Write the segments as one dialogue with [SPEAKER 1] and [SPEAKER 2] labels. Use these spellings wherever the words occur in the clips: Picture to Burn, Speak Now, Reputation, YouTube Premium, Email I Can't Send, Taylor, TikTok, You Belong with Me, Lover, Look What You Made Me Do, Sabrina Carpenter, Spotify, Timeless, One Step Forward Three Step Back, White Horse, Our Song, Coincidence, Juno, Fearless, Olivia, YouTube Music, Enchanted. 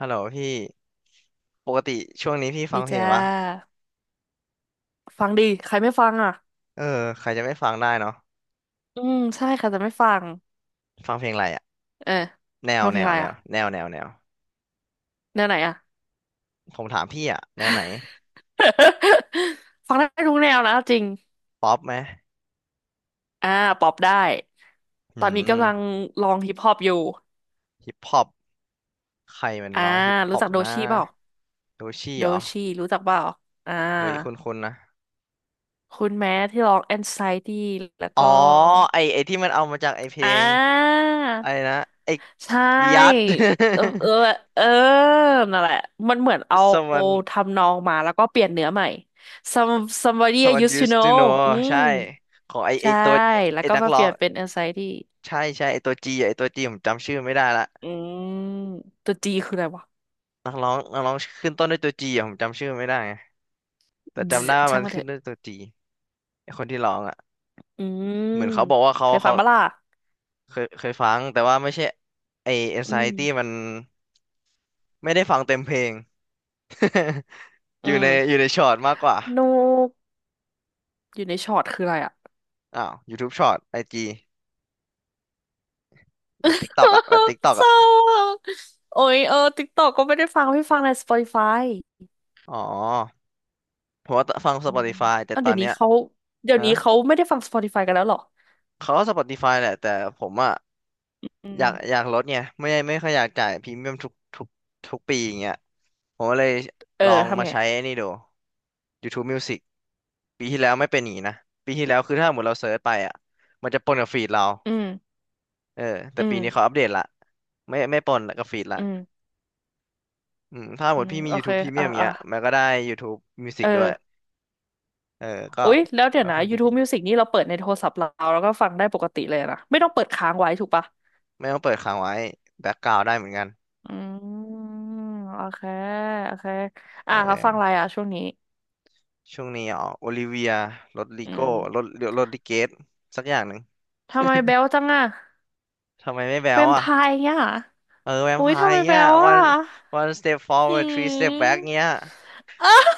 [SPEAKER 1] ฮัลโหลพี่ปกติช่วงนี้พี่ฟั
[SPEAKER 2] ดี
[SPEAKER 1] งเพล
[SPEAKER 2] จ้
[SPEAKER 1] งวะ
[SPEAKER 2] าฟังดีใครไม่ฟังอ่ะ
[SPEAKER 1] เออใครจะไม่ฟังได้เนาะ
[SPEAKER 2] อืมใช่ใครจะไม่ฟัง
[SPEAKER 1] ฟังเพลงอะไรอะ
[SPEAKER 2] เออ
[SPEAKER 1] แนว
[SPEAKER 2] ฟังเพล
[SPEAKER 1] แน
[SPEAKER 2] ง
[SPEAKER 1] ว
[SPEAKER 2] อะไร
[SPEAKER 1] แนว
[SPEAKER 2] อ่ะ
[SPEAKER 1] แนวแนวแนว
[SPEAKER 2] แนวไหนอ่ะ
[SPEAKER 1] ผมถามพี่อะแนวไหน
[SPEAKER 2] ฟังได้ทุกแนวนะจริง
[SPEAKER 1] ป๊อปไหม
[SPEAKER 2] อ่าป๊อปได้
[SPEAKER 1] อื
[SPEAKER 2] ตอนนี้กำลัง
[SPEAKER 1] ม
[SPEAKER 2] ลองฮิปฮอปอยู่
[SPEAKER 1] ฮิปฮอปใครมัน
[SPEAKER 2] อ่า
[SPEAKER 1] ร้องฮิปฮ
[SPEAKER 2] รู้
[SPEAKER 1] อป
[SPEAKER 2] จักโด
[SPEAKER 1] นะ
[SPEAKER 2] ชีเปล่า
[SPEAKER 1] ดูชี่
[SPEAKER 2] โด
[SPEAKER 1] เหรอ
[SPEAKER 2] ชีรู้จักเปล่าอ่า
[SPEAKER 1] เฮ้ยคุณนะ
[SPEAKER 2] คุณแม้ที่ร้อง Anxiety แล้ว
[SPEAKER 1] อ๋อ
[SPEAKER 2] ก็
[SPEAKER 1] ไอที่มันเอามาจากไอเพล
[SPEAKER 2] อ่
[SPEAKER 1] ง
[SPEAKER 2] า
[SPEAKER 1] อะไรนะไอ
[SPEAKER 2] ใช่
[SPEAKER 1] ยัด
[SPEAKER 2] เออเออเออนั่นแหละมันเหมือน เอา
[SPEAKER 1] someone
[SPEAKER 2] ทำนองมาแล้วก็เปลี่ยนเนื้อใหม่ some somebody I used to
[SPEAKER 1] used to
[SPEAKER 2] know
[SPEAKER 1] know
[SPEAKER 2] อืม
[SPEAKER 1] ใช่ของไอ
[SPEAKER 2] ใช่
[SPEAKER 1] ตัว
[SPEAKER 2] แล้ว
[SPEAKER 1] ไอ
[SPEAKER 2] ก็
[SPEAKER 1] นัก
[SPEAKER 2] มา
[SPEAKER 1] ร้
[SPEAKER 2] เป
[SPEAKER 1] อ
[SPEAKER 2] ลี่
[SPEAKER 1] ง
[SPEAKER 2] ยนเป็น anxiety
[SPEAKER 1] ใช่ใช่ไอตัวจีผมจำชื่อไม่ได้ละ
[SPEAKER 2] อืมตัว G คืออะไรวะ
[SPEAKER 1] นักร้องขึ้นต้นด้วยตัวจีอะผมจำชื่อไม่ได้ไงแต่จำได้ว่า
[SPEAKER 2] ใช่า
[SPEAKER 1] มั
[SPEAKER 2] ง
[SPEAKER 1] น
[SPEAKER 2] มันเถ
[SPEAKER 1] ขึ้น
[SPEAKER 2] อะ
[SPEAKER 1] ด้วยตัวจีไอคนที่ร้องอ่ะ
[SPEAKER 2] อืม
[SPEAKER 1] เหมือนเขาบอกว่าเขา
[SPEAKER 2] เคยฟั
[SPEAKER 1] เขา
[SPEAKER 2] งบ้าล่ะ
[SPEAKER 1] เคยฟังแต่ว่าไม่ใช่ไอ
[SPEAKER 2] อืม
[SPEAKER 1] Anxiety มันไม่ได้ฟังเต็มเพลง อยู่
[SPEAKER 2] อื
[SPEAKER 1] ใน
[SPEAKER 2] ม
[SPEAKER 1] อยู่ในช็อตมากกว่า
[SPEAKER 2] นกอยู่ในช็อตคืออะไรอ่ะ
[SPEAKER 1] อ้าว YouTube ช็อตไอจีแบบ TikTok อ่ะแบบ TikTok
[SPEAKER 2] เศ
[SPEAKER 1] อ่ะ
[SPEAKER 2] ร้าอะโอ้ยเออติ๊กตอกก็ไม่ได้ฟังไม่ฟังใน Spotify
[SPEAKER 1] อ๋อผมว่าฟัง
[SPEAKER 2] อืม
[SPEAKER 1] Spotify แต่
[SPEAKER 2] เาว
[SPEAKER 1] ตอ
[SPEAKER 2] เดี๋ย
[SPEAKER 1] น
[SPEAKER 2] วนี้
[SPEAKER 1] เนี้ย
[SPEAKER 2] เขาเดี๋ยว
[SPEAKER 1] ฮะ
[SPEAKER 2] นี้เขาไม่ได้ฟัง Spotify กันแล้วเหรอ
[SPEAKER 1] เขาก็ Spotify แหละแต่ผมอ่ะ
[SPEAKER 2] อื
[SPEAKER 1] อยากอ
[SPEAKER 2] ม
[SPEAKER 1] ยากลดเนี่ยไม่ได้ไม่ค่อยอยากจ่ายพรีเมียมทุกทุกทุกปีอย่างเงี้ยผมก็เลย
[SPEAKER 2] เออ
[SPEAKER 1] ลองมา
[SPEAKER 2] ทำไง
[SPEAKER 1] ใช้ไอ้นี่ดู YouTube Music ปีที่แล้วไม่เป็นอย่างนี้นะปีที่แล้วคือถ้าหมดเราเซิร์ชไปอ่ะมันจะปนกับฟีดเรา
[SPEAKER 2] อืม
[SPEAKER 1] เออแต่
[SPEAKER 2] อื
[SPEAKER 1] ปี
[SPEAKER 2] ม
[SPEAKER 1] นี้เขาอัปเดตละไม่ไม่ปนกับฟีดละ
[SPEAKER 2] อืม
[SPEAKER 1] อืมถ้าห
[SPEAKER 2] อื
[SPEAKER 1] มด
[SPEAKER 2] ม
[SPEAKER 1] พี่มี
[SPEAKER 2] โอเค
[SPEAKER 1] YouTube
[SPEAKER 2] อ่ะ
[SPEAKER 1] Premium
[SPEAKER 2] อ่ะ
[SPEAKER 1] เงี้ยมันก็ได้ YouTube Music
[SPEAKER 2] เอ
[SPEAKER 1] ด้วย
[SPEAKER 2] อ
[SPEAKER 1] เออก็
[SPEAKER 2] อุ๊ยแล้วเดี๋ย
[SPEAKER 1] ค่
[SPEAKER 2] ว
[SPEAKER 1] อน
[SPEAKER 2] นะ
[SPEAKER 1] ข้างจะดี
[SPEAKER 2] YouTube Music นี่เราเปิดในโทรศัพท์เราแล้วก็ฟังได้ปกติเลยนะไม่ต้องเปิดค้างไว้ถูกปะ
[SPEAKER 1] ไม่ต้องเปิดค้างไว้แบ็กกราวด์ได้เหมือนกัน
[SPEAKER 2] อืมโอเคโอเค
[SPEAKER 1] เอ
[SPEAKER 2] อ่ะแล้วฟังอะไร
[SPEAKER 1] อ
[SPEAKER 2] อ่ะช่วงนี้
[SPEAKER 1] ช่วงนี้อ๋อโอลิเวียรถลิ
[SPEAKER 2] อื
[SPEAKER 1] โก้
[SPEAKER 2] ม
[SPEAKER 1] รถรถลิเกตสักอย่างหนึ่ง
[SPEAKER 2] ทำไมเบลจังอ่ะ
[SPEAKER 1] ทำไมไม่แบ๊
[SPEAKER 2] แว
[SPEAKER 1] ว
[SPEAKER 2] มไพ
[SPEAKER 1] อ่ะ
[SPEAKER 2] ร์เนี่ย
[SPEAKER 1] เออแวม
[SPEAKER 2] อุ้
[SPEAKER 1] ไพ
[SPEAKER 2] ยทำ
[SPEAKER 1] ร์
[SPEAKER 2] ไมแป
[SPEAKER 1] เงี้
[SPEAKER 2] ล
[SPEAKER 1] ย
[SPEAKER 2] ว่า
[SPEAKER 1] one one step
[SPEAKER 2] หื
[SPEAKER 1] forward three step
[SPEAKER 2] ม
[SPEAKER 1] back เงี้ย
[SPEAKER 2] อ้าว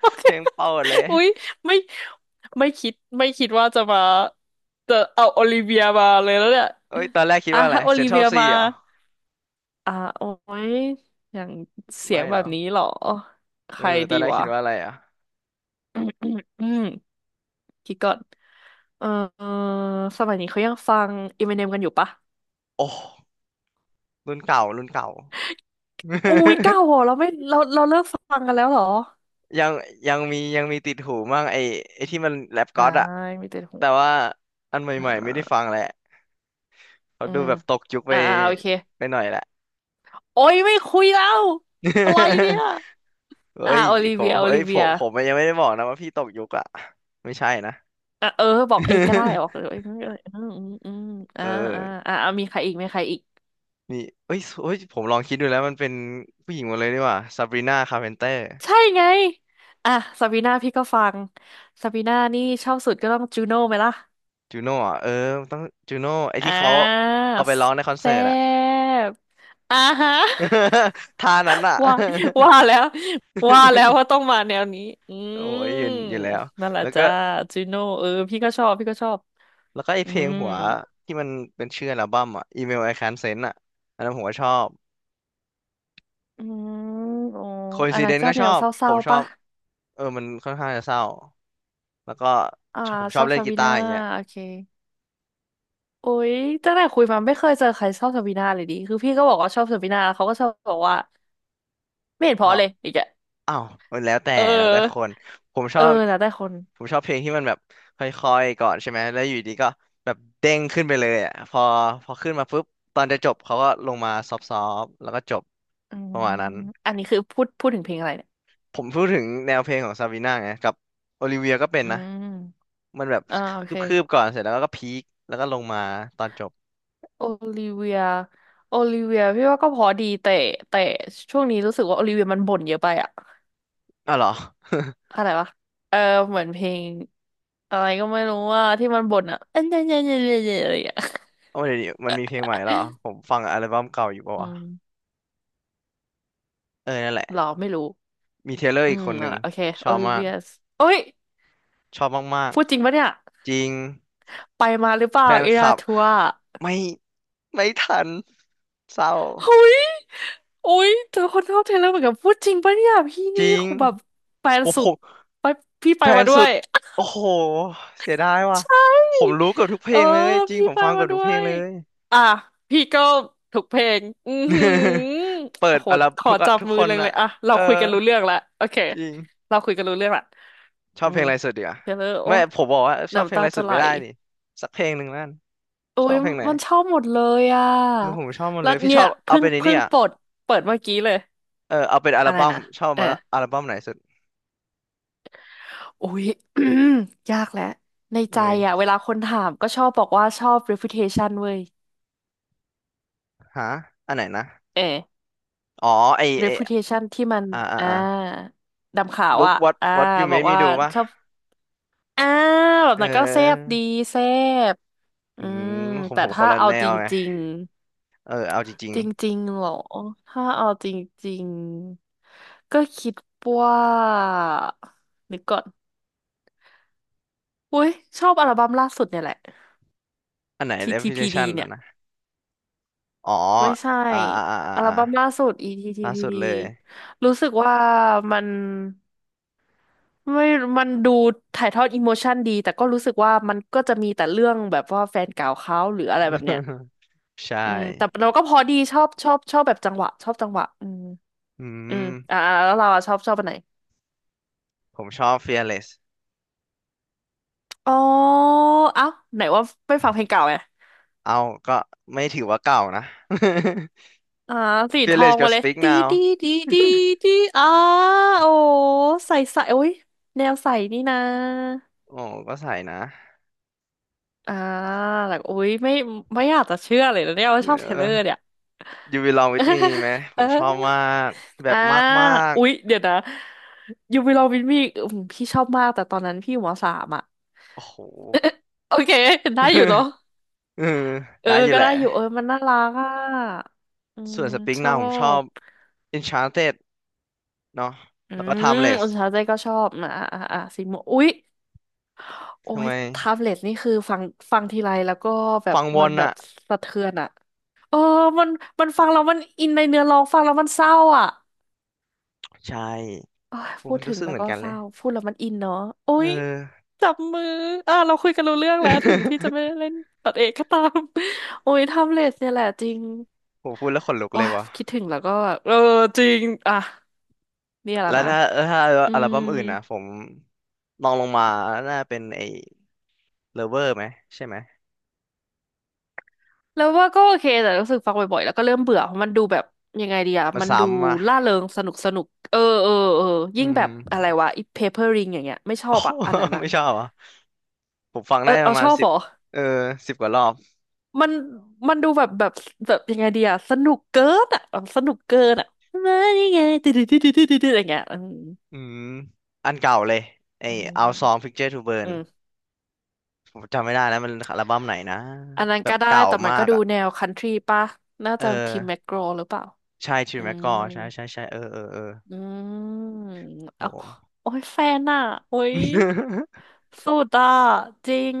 [SPEAKER 2] โอ เค
[SPEAKER 1] เพลงเปิดเลย
[SPEAKER 2] อุ้ยไม่ไม่คิดว่าจะมาจะเอาโอลิเวียมาเลยแล้วเนี่ย
[SPEAKER 1] เอ้ยตอนแรกคิด
[SPEAKER 2] อ่ะ
[SPEAKER 1] ว่าอะไร
[SPEAKER 2] ถ้าโอลิเวี
[SPEAKER 1] Central
[SPEAKER 2] ย
[SPEAKER 1] C
[SPEAKER 2] มา
[SPEAKER 1] เหรอ
[SPEAKER 2] อ่ะโอ้ยอย่างเสีย
[SPEAKER 1] ไม่
[SPEAKER 2] งแบบ
[SPEAKER 1] เนาะ
[SPEAKER 2] นี้เหรอ ใค
[SPEAKER 1] เออ
[SPEAKER 2] ร
[SPEAKER 1] ตอ
[SPEAKER 2] ดี
[SPEAKER 1] นแรก
[SPEAKER 2] วะ
[SPEAKER 1] คิดว่าอะไรอ่ะ
[SPEAKER 2] อืมอืมอืม คิดก่อน เออเออสมัยนี้เขายังฟังอ m ม n เนมกันอยู่ปะ
[SPEAKER 1] โอ้รุ่นเก่ารุ่นเก่า
[SPEAKER 2] อุ้ยเก้าเหรอเราไม่เราเราเลิกฟังกันแล้วเหรอ
[SPEAKER 1] ยังยังมีติดหูมั่งไอ้ที่มันแรปก็
[SPEAKER 2] อ่า
[SPEAKER 1] อดอะ
[SPEAKER 2] มีแต่
[SPEAKER 1] แต่ว่าอันให
[SPEAKER 2] อ่
[SPEAKER 1] ม่ๆไม่ได้ฟั
[SPEAKER 2] า
[SPEAKER 1] งแหละเขา
[SPEAKER 2] อื
[SPEAKER 1] ดู
[SPEAKER 2] ม
[SPEAKER 1] แบบตกยุคไป
[SPEAKER 2] อ่าอ่าโอเค
[SPEAKER 1] ไปหน่อยแหละ
[SPEAKER 2] โอ้ย ไม่คุยแล้ว อะไรเนี่ย
[SPEAKER 1] เฮ้
[SPEAKER 2] อ่า
[SPEAKER 1] ย
[SPEAKER 2] โอลิ
[SPEAKER 1] ผ
[SPEAKER 2] เวี
[SPEAKER 1] ม
[SPEAKER 2] ยโอ
[SPEAKER 1] เฮ้
[SPEAKER 2] ลิ
[SPEAKER 1] ยผ
[SPEAKER 2] เวีย
[SPEAKER 1] มผมยังไม่ได้บอกนะว่าพี่ตกยุคอะไม่ใช่นะ
[SPEAKER 2] อ่ะเออ บอกเองก็ได้บอกเอ อืมอืมอืมอ่า
[SPEAKER 1] เอ
[SPEAKER 2] อ่า
[SPEAKER 1] อ
[SPEAKER 2] อ่าเอามีใครอีกมีใครอีก
[SPEAKER 1] มีเอ้ยผมลองคิดดูแล้วมันเป็นผู้หญิงหมดเลยดีกว่าซาบรีนาคาร์เพนเตอร์
[SPEAKER 2] ใช่ไง อ่ะซาบีน่าพี่ก็ฟังซาบีน่านี่ชอบสุดก็ต้องจูโน่ไหมล่ะ
[SPEAKER 1] จูโน่อะเออต้องจูโน่ไอ้
[SPEAKER 2] อ่
[SPEAKER 1] ที่เขา
[SPEAKER 2] า
[SPEAKER 1] เอาไปร้องในคอนเสิ
[SPEAKER 2] แซ่
[SPEAKER 1] ร์ตอะ
[SPEAKER 2] บอ่าฮะ
[SPEAKER 1] ท่านั้นอะ
[SPEAKER 2] ว่าว่า แล้วว่าแล้วว่าต้องมาแนวนี้อื
[SPEAKER 1] โอ้ยเห็น
[SPEAKER 2] ม
[SPEAKER 1] อยู่แล้ว
[SPEAKER 2] นั่นแหละ
[SPEAKER 1] แล้วก็
[SPEAKER 2] จ้าจูโน่เออพี่ก็ชอบพี่ก็ชอบ
[SPEAKER 1] แล้วก็ไอ
[SPEAKER 2] อื
[SPEAKER 1] เพลง
[SPEAKER 2] ม
[SPEAKER 1] หัวที่มันเป็นชื่ออัลบั้มอ่ะ Email I Can't Send อ่ะ อันนั้นผมก็ชอบ
[SPEAKER 2] อืมโอ้อันนั้น
[SPEAKER 1] Coincidence
[SPEAKER 2] ก็
[SPEAKER 1] ก็
[SPEAKER 2] แน
[SPEAKER 1] ชอ
[SPEAKER 2] ว
[SPEAKER 1] บ
[SPEAKER 2] เศ
[SPEAKER 1] ผ
[SPEAKER 2] ร้า
[SPEAKER 1] มช
[SPEAKER 2] ๆ
[SPEAKER 1] อ
[SPEAKER 2] ปะ
[SPEAKER 1] บเออมันค่อนข้างจะเศร้า แล้วก็
[SPEAKER 2] อ่า
[SPEAKER 1] ชอบผมช
[SPEAKER 2] ช
[SPEAKER 1] อ
[SPEAKER 2] อ
[SPEAKER 1] บ
[SPEAKER 2] บ
[SPEAKER 1] เล่น
[SPEAKER 2] ซา
[SPEAKER 1] กี
[SPEAKER 2] บี
[SPEAKER 1] ตา
[SPEAKER 2] นา
[SPEAKER 1] ร์อย่างเงี้ย
[SPEAKER 2] โอเคโอ้ยตั้งแต่คุยมาไม่เคยเจอใครชอบซาบีนาเลยดิคือพี่ก็บอกว่าชอบซาบีนาแล้วเขาก็ชอบบอกว่าไม่เห็นเพ
[SPEAKER 1] ชอ
[SPEAKER 2] ราะ
[SPEAKER 1] บ
[SPEAKER 2] เลยอีกอะ
[SPEAKER 1] อ้าวมันแล้วแต่
[SPEAKER 2] เ
[SPEAKER 1] แล้วแต่ค
[SPEAKER 2] ออ
[SPEAKER 1] นผมช
[SPEAKER 2] เอ
[SPEAKER 1] อ
[SPEAKER 2] อ
[SPEAKER 1] บ
[SPEAKER 2] นะแต่คน
[SPEAKER 1] ผมชอบเพลงที่มันแบบค่อยๆก่อนใช่ไหมแล้วอยู่ดีก็แบบเด้งขึ้นไปเลยอ่ะพอขึ้นมาปุ๊บตอนจะจบเขาก็ลงมาซอฟๆแล้วก็จบ
[SPEAKER 2] อื
[SPEAKER 1] ป
[SPEAKER 2] ม
[SPEAKER 1] ระมาณนั้น
[SPEAKER 2] อันนี้คือพูดถึงเพลงอะไรเนี่ย
[SPEAKER 1] ผมพูดถึงแนวเพลงของซาบีน่าไงกับโอลิเวียก็เป็น
[SPEAKER 2] อื
[SPEAKER 1] นะ
[SPEAKER 2] ม
[SPEAKER 1] มันแบบ
[SPEAKER 2] อ่าโอเค
[SPEAKER 1] คืบๆก่อนเสร็จแล้วก็พีคแล้วก็ลงมาตอนจบ
[SPEAKER 2] โอลิเวียโอลิเวียพี่ว่าก็พอดีแต่แต่ช่วงนี้รู้สึกว่าโอลิเวียมันบ่นเยอะไปอะ
[SPEAKER 1] อ้าวเหรอ
[SPEAKER 2] อะไรวะเออเหมือนเพลงอะไรก็ไม่รู้ว่าที่มันบ่นอะเอันเอ็นี่เอ็น่เอ็นี่เอ็น่เอ็น่อะไรอย่างเงี้ย
[SPEAKER 1] เอาเดี๋ยวนี้มันมีเพลงใหม่แล้วเหรอผมฟังอัลบั้มเก่าอยู่ปะ
[SPEAKER 2] อื
[SPEAKER 1] วะ
[SPEAKER 2] ม
[SPEAKER 1] เออนั่นแห
[SPEAKER 2] หร
[SPEAKER 1] ละ
[SPEAKER 2] อไม่รู้
[SPEAKER 1] มีเทเลอร์
[SPEAKER 2] อื
[SPEAKER 1] อีก
[SPEAKER 2] ม
[SPEAKER 1] คนห
[SPEAKER 2] นั่น
[SPEAKER 1] นึ่
[SPEAKER 2] แห
[SPEAKER 1] ง
[SPEAKER 2] ละโอเค
[SPEAKER 1] ช
[SPEAKER 2] โอ
[SPEAKER 1] อบ
[SPEAKER 2] ลิ
[SPEAKER 1] มา
[SPEAKER 2] เวี
[SPEAKER 1] ก
[SPEAKER 2] ยโอ้ย
[SPEAKER 1] ชอบมาก
[SPEAKER 2] พูดจริงปะเนี่ย
[SPEAKER 1] จริง
[SPEAKER 2] ไปมาหรือเปล่า
[SPEAKER 1] แฟน
[SPEAKER 2] เอ
[SPEAKER 1] ค
[SPEAKER 2] รา
[SPEAKER 1] ลับ
[SPEAKER 2] ทัว
[SPEAKER 1] ไม่ไม่ทันเศร้า
[SPEAKER 2] เฮ้ยโอ้ยเจอคนชอบเทเลอร์เหมือนกันพูดจริงปะเนี่ยพี่
[SPEAKER 1] จ
[SPEAKER 2] นี่
[SPEAKER 1] ริง
[SPEAKER 2] คือแบบแฟน
[SPEAKER 1] โอ้
[SPEAKER 2] สุ
[SPEAKER 1] ผ
[SPEAKER 2] ด
[SPEAKER 1] ม
[SPEAKER 2] ไปพี่ไป
[SPEAKER 1] แฟ
[SPEAKER 2] มา
[SPEAKER 1] น
[SPEAKER 2] ด้
[SPEAKER 1] สุ
[SPEAKER 2] ว
[SPEAKER 1] ด
[SPEAKER 2] ย
[SPEAKER 1] โอ้โหเสียดายว่ะ
[SPEAKER 2] ใช
[SPEAKER 1] ผมรู้
[SPEAKER 2] ่
[SPEAKER 1] เกือบทุกเพ
[SPEAKER 2] เอ
[SPEAKER 1] ล
[SPEAKER 2] อ
[SPEAKER 1] งเลยจริง
[SPEAKER 2] พี่
[SPEAKER 1] ผม
[SPEAKER 2] ไป
[SPEAKER 1] ฟังเกื
[SPEAKER 2] มา
[SPEAKER 1] อบ
[SPEAKER 2] ด้
[SPEAKER 1] ทุกเพ
[SPEAKER 2] ว
[SPEAKER 1] ลง
[SPEAKER 2] ย
[SPEAKER 1] เลย
[SPEAKER 2] อ่ะพี่ก็ถูกเพลงอือหื อ
[SPEAKER 1] เปิ
[SPEAKER 2] โอ้
[SPEAKER 1] ด
[SPEAKER 2] โห
[SPEAKER 1] อัลบั้ม
[SPEAKER 2] ขอ
[SPEAKER 1] ทุกอะ
[SPEAKER 2] จับ
[SPEAKER 1] ทุก
[SPEAKER 2] มื
[SPEAKER 1] ค
[SPEAKER 2] อ
[SPEAKER 1] น
[SPEAKER 2] เลย
[SPEAKER 1] อะ
[SPEAKER 2] อ่ะเรา
[SPEAKER 1] เออ
[SPEAKER 2] คุยกันรู้เรื่องละโอเค
[SPEAKER 1] จริง
[SPEAKER 2] เราคุยกันรู้เรื่องละ
[SPEAKER 1] ชอ
[SPEAKER 2] อื
[SPEAKER 1] บเพล
[SPEAKER 2] ม
[SPEAKER 1] งอะไรสุดดีกว่า
[SPEAKER 2] เทเลอร์โอ้
[SPEAKER 1] ไม่ผมบอกว่าชอบเพ
[SPEAKER 2] น้ำ
[SPEAKER 1] ลง
[SPEAKER 2] ตา
[SPEAKER 1] อะไร
[SPEAKER 2] จะ
[SPEAKER 1] สุด
[SPEAKER 2] ไหล
[SPEAKER 1] ไม่ได้นี่สักเพลงหนึ่งนั่น
[SPEAKER 2] โอ้
[SPEAKER 1] ชอบ
[SPEAKER 2] ย
[SPEAKER 1] เพลงไหน
[SPEAKER 2] มันชอบหมดเลยอ่ะ
[SPEAKER 1] เือผมชอบหมด
[SPEAKER 2] แล้
[SPEAKER 1] เล
[SPEAKER 2] ว
[SPEAKER 1] ยพี่
[SPEAKER 2] เนี่
[SPEAKER 1] ช
[SPEAKER 2] ย
[SPEAKER 1] อบเอาเป็นไอ้
[SPEAKER 2] เพิ่
[SPEAKER 1] นี่
[SPEAKER 2] ง
[SPEAKER 1] อ่ะ
[SPEAKER 2] ปลดเปิดเมื่อกี้เลย
[SPEAKER 1] เออเอาเป็นอัล
[SPEAKER 2] อะไร
[SPEAKER 1] บั้ม
[SPEAKER 2] นะ
[SPEAKER 1] ชอบ
[SPEAKER 2] เออ
[SPEAKER 1] มาละอัลบั้มไหนสุด
[SPEAKER 2] อุ๊ย ยากแหละในใจ
[SPEAKER 1] เอ้ย
[SPEAKER 2] อ่ะเวลาคนถามก็ชอบบอกว่าชอบ reputation เว้ย
[SPEAKER 1] ฮะอันไหนนะ
[SPEAKER 2] เออ
[SPEAKER 1] อ๋อ ไอ
[SPEAKER 2] reputation ที่มัน
[SPEAKER 1] อ่าอ่า
[SPEAKER 2] อ่า
[SPEAKER 1] อ่า
[SPEAKER 2] ดำขาว
[SPEAKER 1] look
[SPEAKER 2] อ่ะ อ่า
[SPEAKER 1] what you
[SPEAKER 2] บอก
[SPEAKER 1] made me
[SPEAKER 2] ว่า
[SPEAKER 1] do ป่ะ
[SPEAKER 2] ชอบอ่าแบบ
[SPEAKER 1] เ
[SPEAKER 2] นั้นก็แซ่บ
[SPEAKER 1] ออ
[SPEAKER 2] ดีแซ่บ
[SPEAKER 1] อื
[SPEAKER 2] อืม
[SPEAKER 1] มผม
[SPEAKER 2] แต่
[SPEAKER 1] ผมค
[SPEAKER 2] ถ้า
[SPEAKER 1] นละ
[SPEAKER 2] เอา
[SPEAKER 1] แน
[SPEAKER 2] จ
[SPEAKER 1] วไง
[SPEAKER 2] ริง
[SPEAKER 1] เออ เอาจริง
[SPEAKER 2] ๆจริงๆเหรอถ้าเอาจริงๆก็คิดว่านึกก่อนอุ๊ยชอบอัลบั้มล่าสุดเนี่ยแหละ
[SPEAKER 1] ๆ อันไหน
[SPEAKER 2] TTPD
[SPEAKER 1] reputation
[SPEAKER 2] เนี่
[SPEAKER 1] อ่ะ
[SPEAKER 2] ย
[SPEAKER 1] นะ อ๋อ
[SPEAKER 2] ไม่ใช่
[SPEAKER 1] อ่าอ่าอ่าอ่า
[SPEAKER 2] อัล
[SPEAKER 1] อ่า
[SPEAKER 2] บั้มล่าสุด
[SPEAKER 1] ล่าสุด
[SPEAKER 2] ETTPD
[SPEAKER 1] เลย
[SPEAKER 2] รู้สึกว่ามันไม่มันดูถ่ายทอดอิโมชันดีแต่ก็รู้สึกว่ามันก็จะมีแต่เรื่องแบบว่าแฟนเก่าเขาหรืออะไรแบบเนี้ย
[SPEAKER 1] ใช่
[SPEAKER 2] อืมแต่เราก็พอดีชอบชอบแบบจังหวะชอบจังหวะอืม
[SPEAKER 1] อื
[SPEAKER 2] อืมอ่า
[SPEAKER 1] ม
[SPEAKER 2] อ่าแล้วเราอะชอบอันไหน
[SPEAKER 1] ผมชอบ fearless
[SPEAKER 2] อ๋อเอ้าไหนว่าไม่ฟังเพลงเก่าไง
[SPEAKER 1] เอาก็ไม่ถือว่าเก่านะ
[SPEAKER 2] อ่าสีทอง
[SPEAKER 1] fearless กั
[SPEAKER 2] มา
[SPEAKER 1] บ
[SPEAKER 2] เลย
[SPEAKER 1] speak
[SPEAKER 2] ตี
[SPEAKER 1] now
[SPEAKER 2] ดีดีดีดีอ่าโอ้ใส่ใส่โอ้ยแนวใส่นี่นะ
[SPEAKER 1] โอ้ก็ใส่นะ
[SPEAKER 2] อ่าแบบอุ๊ยไม่ ไม่อยากจะเชื่อเลยนะเนี่ยว่า
[SPEAKER 1] เอ
[SPEAKER 2] ชอบเทเลอร์
[SPEAKER 1] อ
[SPEAKER 2] เนี่ย
[SPEAKER 1] you belong with me ไหม ผ
[SPEAKER 2] เอ
[SPEAKER 1] มชอบมา
[SPEAKER 2] อ
[SPEAKER 1] ก แบ
[SPEAKER 2] อ่า
[SPEAKER 1] บมาก
[SPEAKER 2] อุ๊ยเดี๋ยวนะยูไปลองวินมีอพี่ชอบมากแต่ตอนนั้นพี่อยู่มสามอ่ะ
[SPEAKER 1] ๆโอ้โห
[SPEAKER 2] โอเคได้อยู่เนาะ
[SPEAKER 1] เออ
[SPEAKER 2] เออ
[SPEAKER 1] ได้อยู่
[SPEAKER 2] ก็
[SPEAKER 1] แหละ
[SPEAKER 2] ได้อยู่เออมันน่ารักอ่ะอื
[SPEAKER 1] ส่
[SPEAKER 2] ม
[SPEAKER 1] วนสปริง
[SPEAKER 2] ชอ
[SPEAKER 1] นาผมชอบ
[SPEAKER 2] บ
[SPEAKER 1] Enchanted เนาะ
[SPEAKER 2] อื
[SPEAKER 1] แล้วก็
[SPEAKER 2] ม
[SPEAKER 1] Timeless
[SPEAKER 2] อุนเช้าใจก็ชอบนะอ่ะอ่ะอ่ะสีม่วงอุ๊ย โอ้
[SPEAKER 1] ทำ
[SPEAKER 2] ย
[SPEAKER 1] ไม
[SPEAKER 2] แท็บเล็ตนี่คือฟังทีไรแล้วก็แบบ
[SPEAKER 1] ฟังวนอะ
[SPEAKER 2] สะเทือนอะเออมันมันฟังแล้วมันอินในเนื้อร้องฟังแล้วมันเศร้าอะ
[SPEAKER 1] ใช่
[SPEAKER 2] เอ้ย
[SPEAKER 1] โอ้
[SPEAKER 2] พูดถึ
[SPEAKER 1] รู้
[SPEAKER 2] ง
[SPEAKER 1] สึก
[SPEAKER 2] แล้
[SPEAKER 1] เห
[SPEAKER 2] ว
[SPEAKER 1] มือ
[SPEAKER 2] ก็
[SPEAKER 1] นกัน
[SPEAKER 2] เศ
[SPEAKER 1] เลย
[SPEAKER 2] ร้าพูดแล้วมันอินเนาะโอ้
[SPEAKER 1] เอ
[SPEAKER 2] ย
[SPEAKER 1] อ
[SPEAKER 2] จับมืออ่ะเราคุยกันรู้เรื่องแล้วถึงพี่จะไม่ได้ เล่นตัดเอกก็ตาม โอ้ยแท็บเล็ตเนี่ยแหละจริง
[SPEAKER 1] ผมพูดแล้วขนลุก
[SPEAKER 2] โอ้
[SPEAKER 1] เลย
[SPEAKER 2] ยคิด
[SPEAKER 1] วะ
[SPEAKER 2] ถึงแล้วก็เออจริงอ่ะเนี่ยแหละ
[SPEAKER 1] แล้ว
[SPEAKER 2] นะ
[SPEAKER 1] ถ้าถ้า
[SPEAKER 2] อื
[SPEAKER 1] อัล
[SPEAKER 2] ม
[SPEAKER 1] บั้มอื่นอะผมลองลงมาน่าเป็นไอ้ Lover ไหมใช่ไหม
[SPEAKER 2] แล้วว่าก็โอเคแต่รู้สึกฟังบ่อยๆแล้วก็เริ่มเบื่อเพราะมันดูแบบยังไงดีอะ
[SPEAKER 1] มัน
[SPEAKER 2] มันดู
[SPEAKER 1] ซ้ำอะ
[SPEAKER 2] ล่าเริงสนุกสนุกเออเออเออ
[SPEAKER 1] อื
[SPEAKER 2] ยิ่งแบ
[SPEAKER 1] ม
[SPEAKER 2] บอะไร วะอีเพเปอร์ริงอย่างเงี้ยไม่ชอ
[SPEAKER 1] โอ้
[SPEAKER 2] บอะอันนั้น อะ
[SPEAKER 1] ไม่ชอบอ่ะผมฟัง
[SPEAKER 2] เอ
[SPEAKER 1] ได้
[SPEAKER 2] อ
[SPEAKER 1] ป
[SPEAKER 2] เอา
[SPEAKER 1] ระ
[SPEAKER 2] ช
[SPEAKER 1] มาณ
[SPEAKER 2] อบ
[SPEAKER 1] สิ
[SPEAKER 2] เห
[SPEAKER 1] บ
[SPEAKER 2] รอ
[SPEAKER 1] เออสิบกว่ารอบ
[SPEAKER 2] มันมันดูแบบยังไงดีอะสนุกเกินอะแบบสนุกเกินอะมานี่ไง ติดอะไรเงี้ยอืม
[SPEAKER 1] อืมอันเก่าเลยไอ้
[SPEAKER 2] อื
[SPEAKER 1] Our Song
[SPEAKER 2] ม
[SPEAKER 1] Picture to
[SPEAKER 2] อื
[SPEAKER 1] Burn
[SPEAKER 2] ม
[SPEAKER 1] ผมจำไม่ได้แล้วมันอัลบั้มไหนนะ
[SPEAKER 2] อันนั้น
[SPEAKER 1] แบบ
[SPEAKER 2] ก็ได้
[SPEAKER 1] เก่า
[SPEAKER 2] แต่มัน
[SPEAKER 1] มา
[SPEAKER 2] ก็
[SPEAKER 1] ก
[SPEAKER 2] ดู
[SPEAKER 1] อ่ะ
[SPEAKER 2] แนวคันทรีป่ะน่า
[SPEAKER 1] เออ
[SPEAKER 2] จะทีมแมกโกรหรือเปล่า
[SPEAKER 1] ใช่ชิ
[SPEAKER 2] อื
[SPEAKER 1] วแมกกอ
[SPEAKER 2] ม
[SPEAKER 1] ใช่ใช่ใช่เออเออเออ
[SPEAKER 2] อืมเอา
[SPEAKER 1] โห
[SPEAKER 2] โอ้ยแฟนอ่ะ โอ้ย สุดอ่ะจริง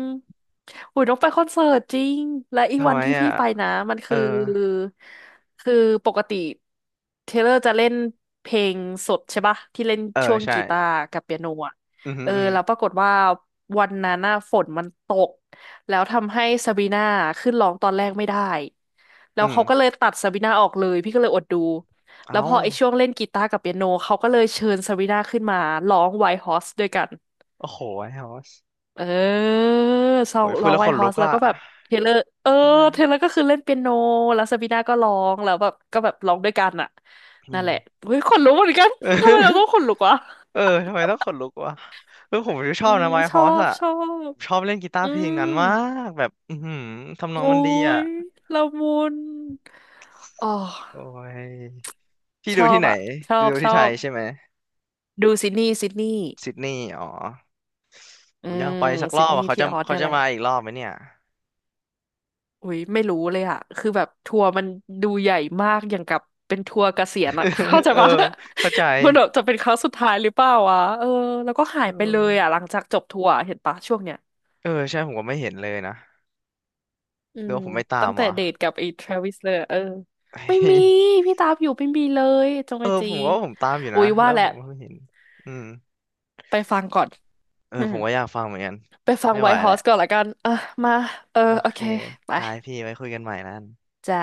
[SPEAKER 2] อุยต้องไปคอนเสิร์ตจริงและอีก
[SPEAKER 1] ทำ
[SPEAKER 2] วัน
[SPEAKER 1] ไม
[SPEAKER 2] ที่
[SPEAKER 1] อ่ะ
[SPEAKER 2] พี่ไปนะมัน
[SPEAKER 1] เออ
[SPEAKER 2] คือคือปกติเทเลอร์จะเล่นเพลงสดใช่ปะที่เล่น
[SPEAKER 1] เออ
[SPEAKER 2] ช่วง
[SPEAKER 1] ใช่
[SPEAKER 2] กีตาร์กับเปียโนอ่ะ
[SPEAKER 1] อืมอหื
[SPEAKER 2] เอ
[SPEAKER 1] อ
[SPEAKER 2] อ
[SPEAKER 1] อืม
[SPEAKER 2] แล้วปรากฏว่าวันนั้นน่ะฝนมันตกแล้วทำให้ซาบีน่าขึ้นร้องตอนแรกไม่ได้แล้ว
[SPEAKER 1] อืม
[SPEAKER 2] เขาก็เลยตัดซาบีน่าออกเลยพี่ก็เลยอดดูแล้ว
[SPEAKER 1] เอ้า
[SPEAKER 2] พอไอ้ช่วงเล่นกีตาร์กับเปียโนเขาก็เลยเชิญซาบีน่าขึ้นมาร้องไวท์ฮอสด้วยกัน
[SPEAKER 1] โอ้โหไอ้ฮอส
[SPEAKER 2] เออซอ
[SPEAKER 1] โอ้
[SPEAKER 2] ง
[SPEAKER 1] ยพู
[SPEAKER 2] ร้
[SPEAKER 1] ด
[SPEAKER 2] อง
[SPEAKER 1] แล้ว
[SPEAKER 2] ไว
[SPEAKER 1] ข
[SPEAKER 2] ท์
[SPEAKER 1] น
[SPEAKER 2] ฮ
[SPEAKER 1] ลุ
[SPEAKER 2] อส
[SPEAKER 1] ก
[SPEAKER 2] แล้ว
[SPEAKER 1] อ่ะ
[SPEAKER 2] ก็แบบเทเลอร์เออ
[SPEAKER 1] น่า
[SPEAKER 2] เทเลอร์ก็คือเล่นเปียโน แล้วซาบีนาก็ร้องแล้วแบบร้องด้วยกันอ่ะ
[SPEAKER 1] อื
[SPEAKER 2] นั่น
[SPEAKER 1] ม
[SPEAKER 2] แหละเฮ้ยขนลุกเหมือนกัน
[SPEAKER 1] เออ
[SPEAKER 2] ทำไมเราต้องขนลุกวะ
[SPEAKER 1] เออทำไมต้องขนลุกวะเออผมช
[SPEAKER 2] อื
[SPEAKER 1] อบ
[SPEAKER 2] ม
[SPEAKER 1] นะไวท์
[SPEAKER 2] ช
[SPEAKER 1] ฮ
[SPEAKER 2] อ
[SPEAKER 1] อส
[SPEAKER 2] บ
[SPEAKER 1] อ่ะ
[SPEAKER 2] ชอบ
[SPEAKER 1] ผมชอบเล่นกีตาร์
[SPEAKER 2] อื
[SPEAKER 1] เพลง
[SPEAKER 2] ม
[SPEAKER 1] นั้นมากแบบอือหือทำนอง
[SPEAKER 2] โอ้
[SPEAKER 1] มันดีอ่ะ
[SPEAKER 2] ย ละมุน อ๋อ
[SPEAKER 1] โอ้ยพี่
[SPEAKER 2] ช
[SPEAKER 1] ดู
[SPEAKER 2] อ
[SPEAKER 1] ที่
[SPEAKER 2] บ
[SPEAKER 1] ไหน
[SPEAKER 2] อ่ะชอบ
[SPEAKER 1] ดู
[SPEAKER 2] ช
[SPEAKER 1] ที่
[SPEAKER 2] อ
[SPEAKER 1] ไทย
[SPEAKER 2] บ
[SPEAKER 1] ใช่ไหม
[SPEAKER 2] ดูซิดนีย์
[SPEAKER 1] ซิดนีย์อ๋อ โห
[SPEAKER 2] อื
[SPEAKER 1] ยัง
[SPEAKER 2] ม
[SPEAKER 1] ไปสักร
[SPEAKER 2] ซิ
[SPEAKER 1] อ
[SPEAKER 2] ด
[SPEAKER 1] บ
[SPEAKER 2] นี
[SPEAKER 1] อ่ะ
[SPEAKER 2] ย์
[SPEAKER 1] เขา
[SPEAKER 2] ที่
[SPEAKER 1] จะ
[SPEAKER 2] ออส
[SPEAKER 1] เขา
[SPEAKER 2] เนี่ย
[SPEAKER 1] จะ
[SPEAKER 2] แหละ
[SPEAKER 1] มาอีกรอบไหมเนี่ย
[SPEAKER 2] อุ้ยไม่รู้เลยอะคือแบบทัวร์มันดูใหญ่มากอย่างกับเป็นทัวร์เกษียณอะ เข้า ใจ
[SPEAKER 1] เออ
[SPEAKER 2] ปะ
[SPEAKER 1] เข้าใจ
[SPEAKER 2] มันแบบจะเป็นครั้งสุดท้ายหรือเปล่าวะเออแล้วก็หา
[SPEAKER 1] เอ
[SPEAKER 2] ยไปเลยอะห
[SPEAKER 1] อ
[SPEAKER 2] ลังจากจบทัวร์เห็นปะช่วงเนี้ย
[SPEAKER 1] เออใช่ผมก็ไม่เห็นเลยนะ
[SPEAKER 2] อื
[SPEAKER 1] หรือ
[SPEAKER 2] ม
[SPEAKER 1] ว่าผมไม่ตา
[SPEAKER 2] ตั้
[SPEAKER 1] ม
[SPEAKER 2] งแต่
[SPEAKER 1] วะ
[SPEAKER 2] เดทกับไอ้ทรเวิสเลยอะเออไม่มี พี่ตามอยู่ไม่มีเลยจง
[SPEAKER 1] เออ
[SPEAKER 2] ไอจี
[SPEAKER 1] ผมก็ว่าผมตามอยู่
[SPEAKER 2] อุ้
[SPEAKER 1] นะ
[SPEAKER 2] ย
[SPEAKER 1] แล้
[SPEAKER 2] ว่า
[SPEAKER 1] ว
[SPEAKER 2] แห
[SPEAKER 1] ผ
[SPEAKER 2] ละ
[SPEAKER 1] มก็ไม่เห็นอืม
[SPEAKER 2] ไปฟังก่อน
[SPEAKER 1] เออ
[SPEAKER 2] อื
[SPEAKER 1] ผ
[SPEAKER 2] ม
[SPEAKER 1] มก็อยากฟังเหมือนกัน
[SPEAKER 2] ไปฟัง
[SPEAKER 1] ไม่
[SPEAKER 2] ไว
[SPEAKER 1] ไหว
[SPEAKER 2] ท์ฮ
[SPEAKER 1] แห
[SPEAKER 2] อ
[SPEAKER 1] ละ
[SPEAKER 2] สก่อนละกันอ่ะมาเออ
[SPEAKER 1] โอ
[SPEAKER 2] โอ
[SPEAKER 1] เค
[SPEAKER 2] เคไป
[SPEAKER 1] ได้พี่ไว้คุยกันใหม่นั่น
[SPEAKER 2] จ้า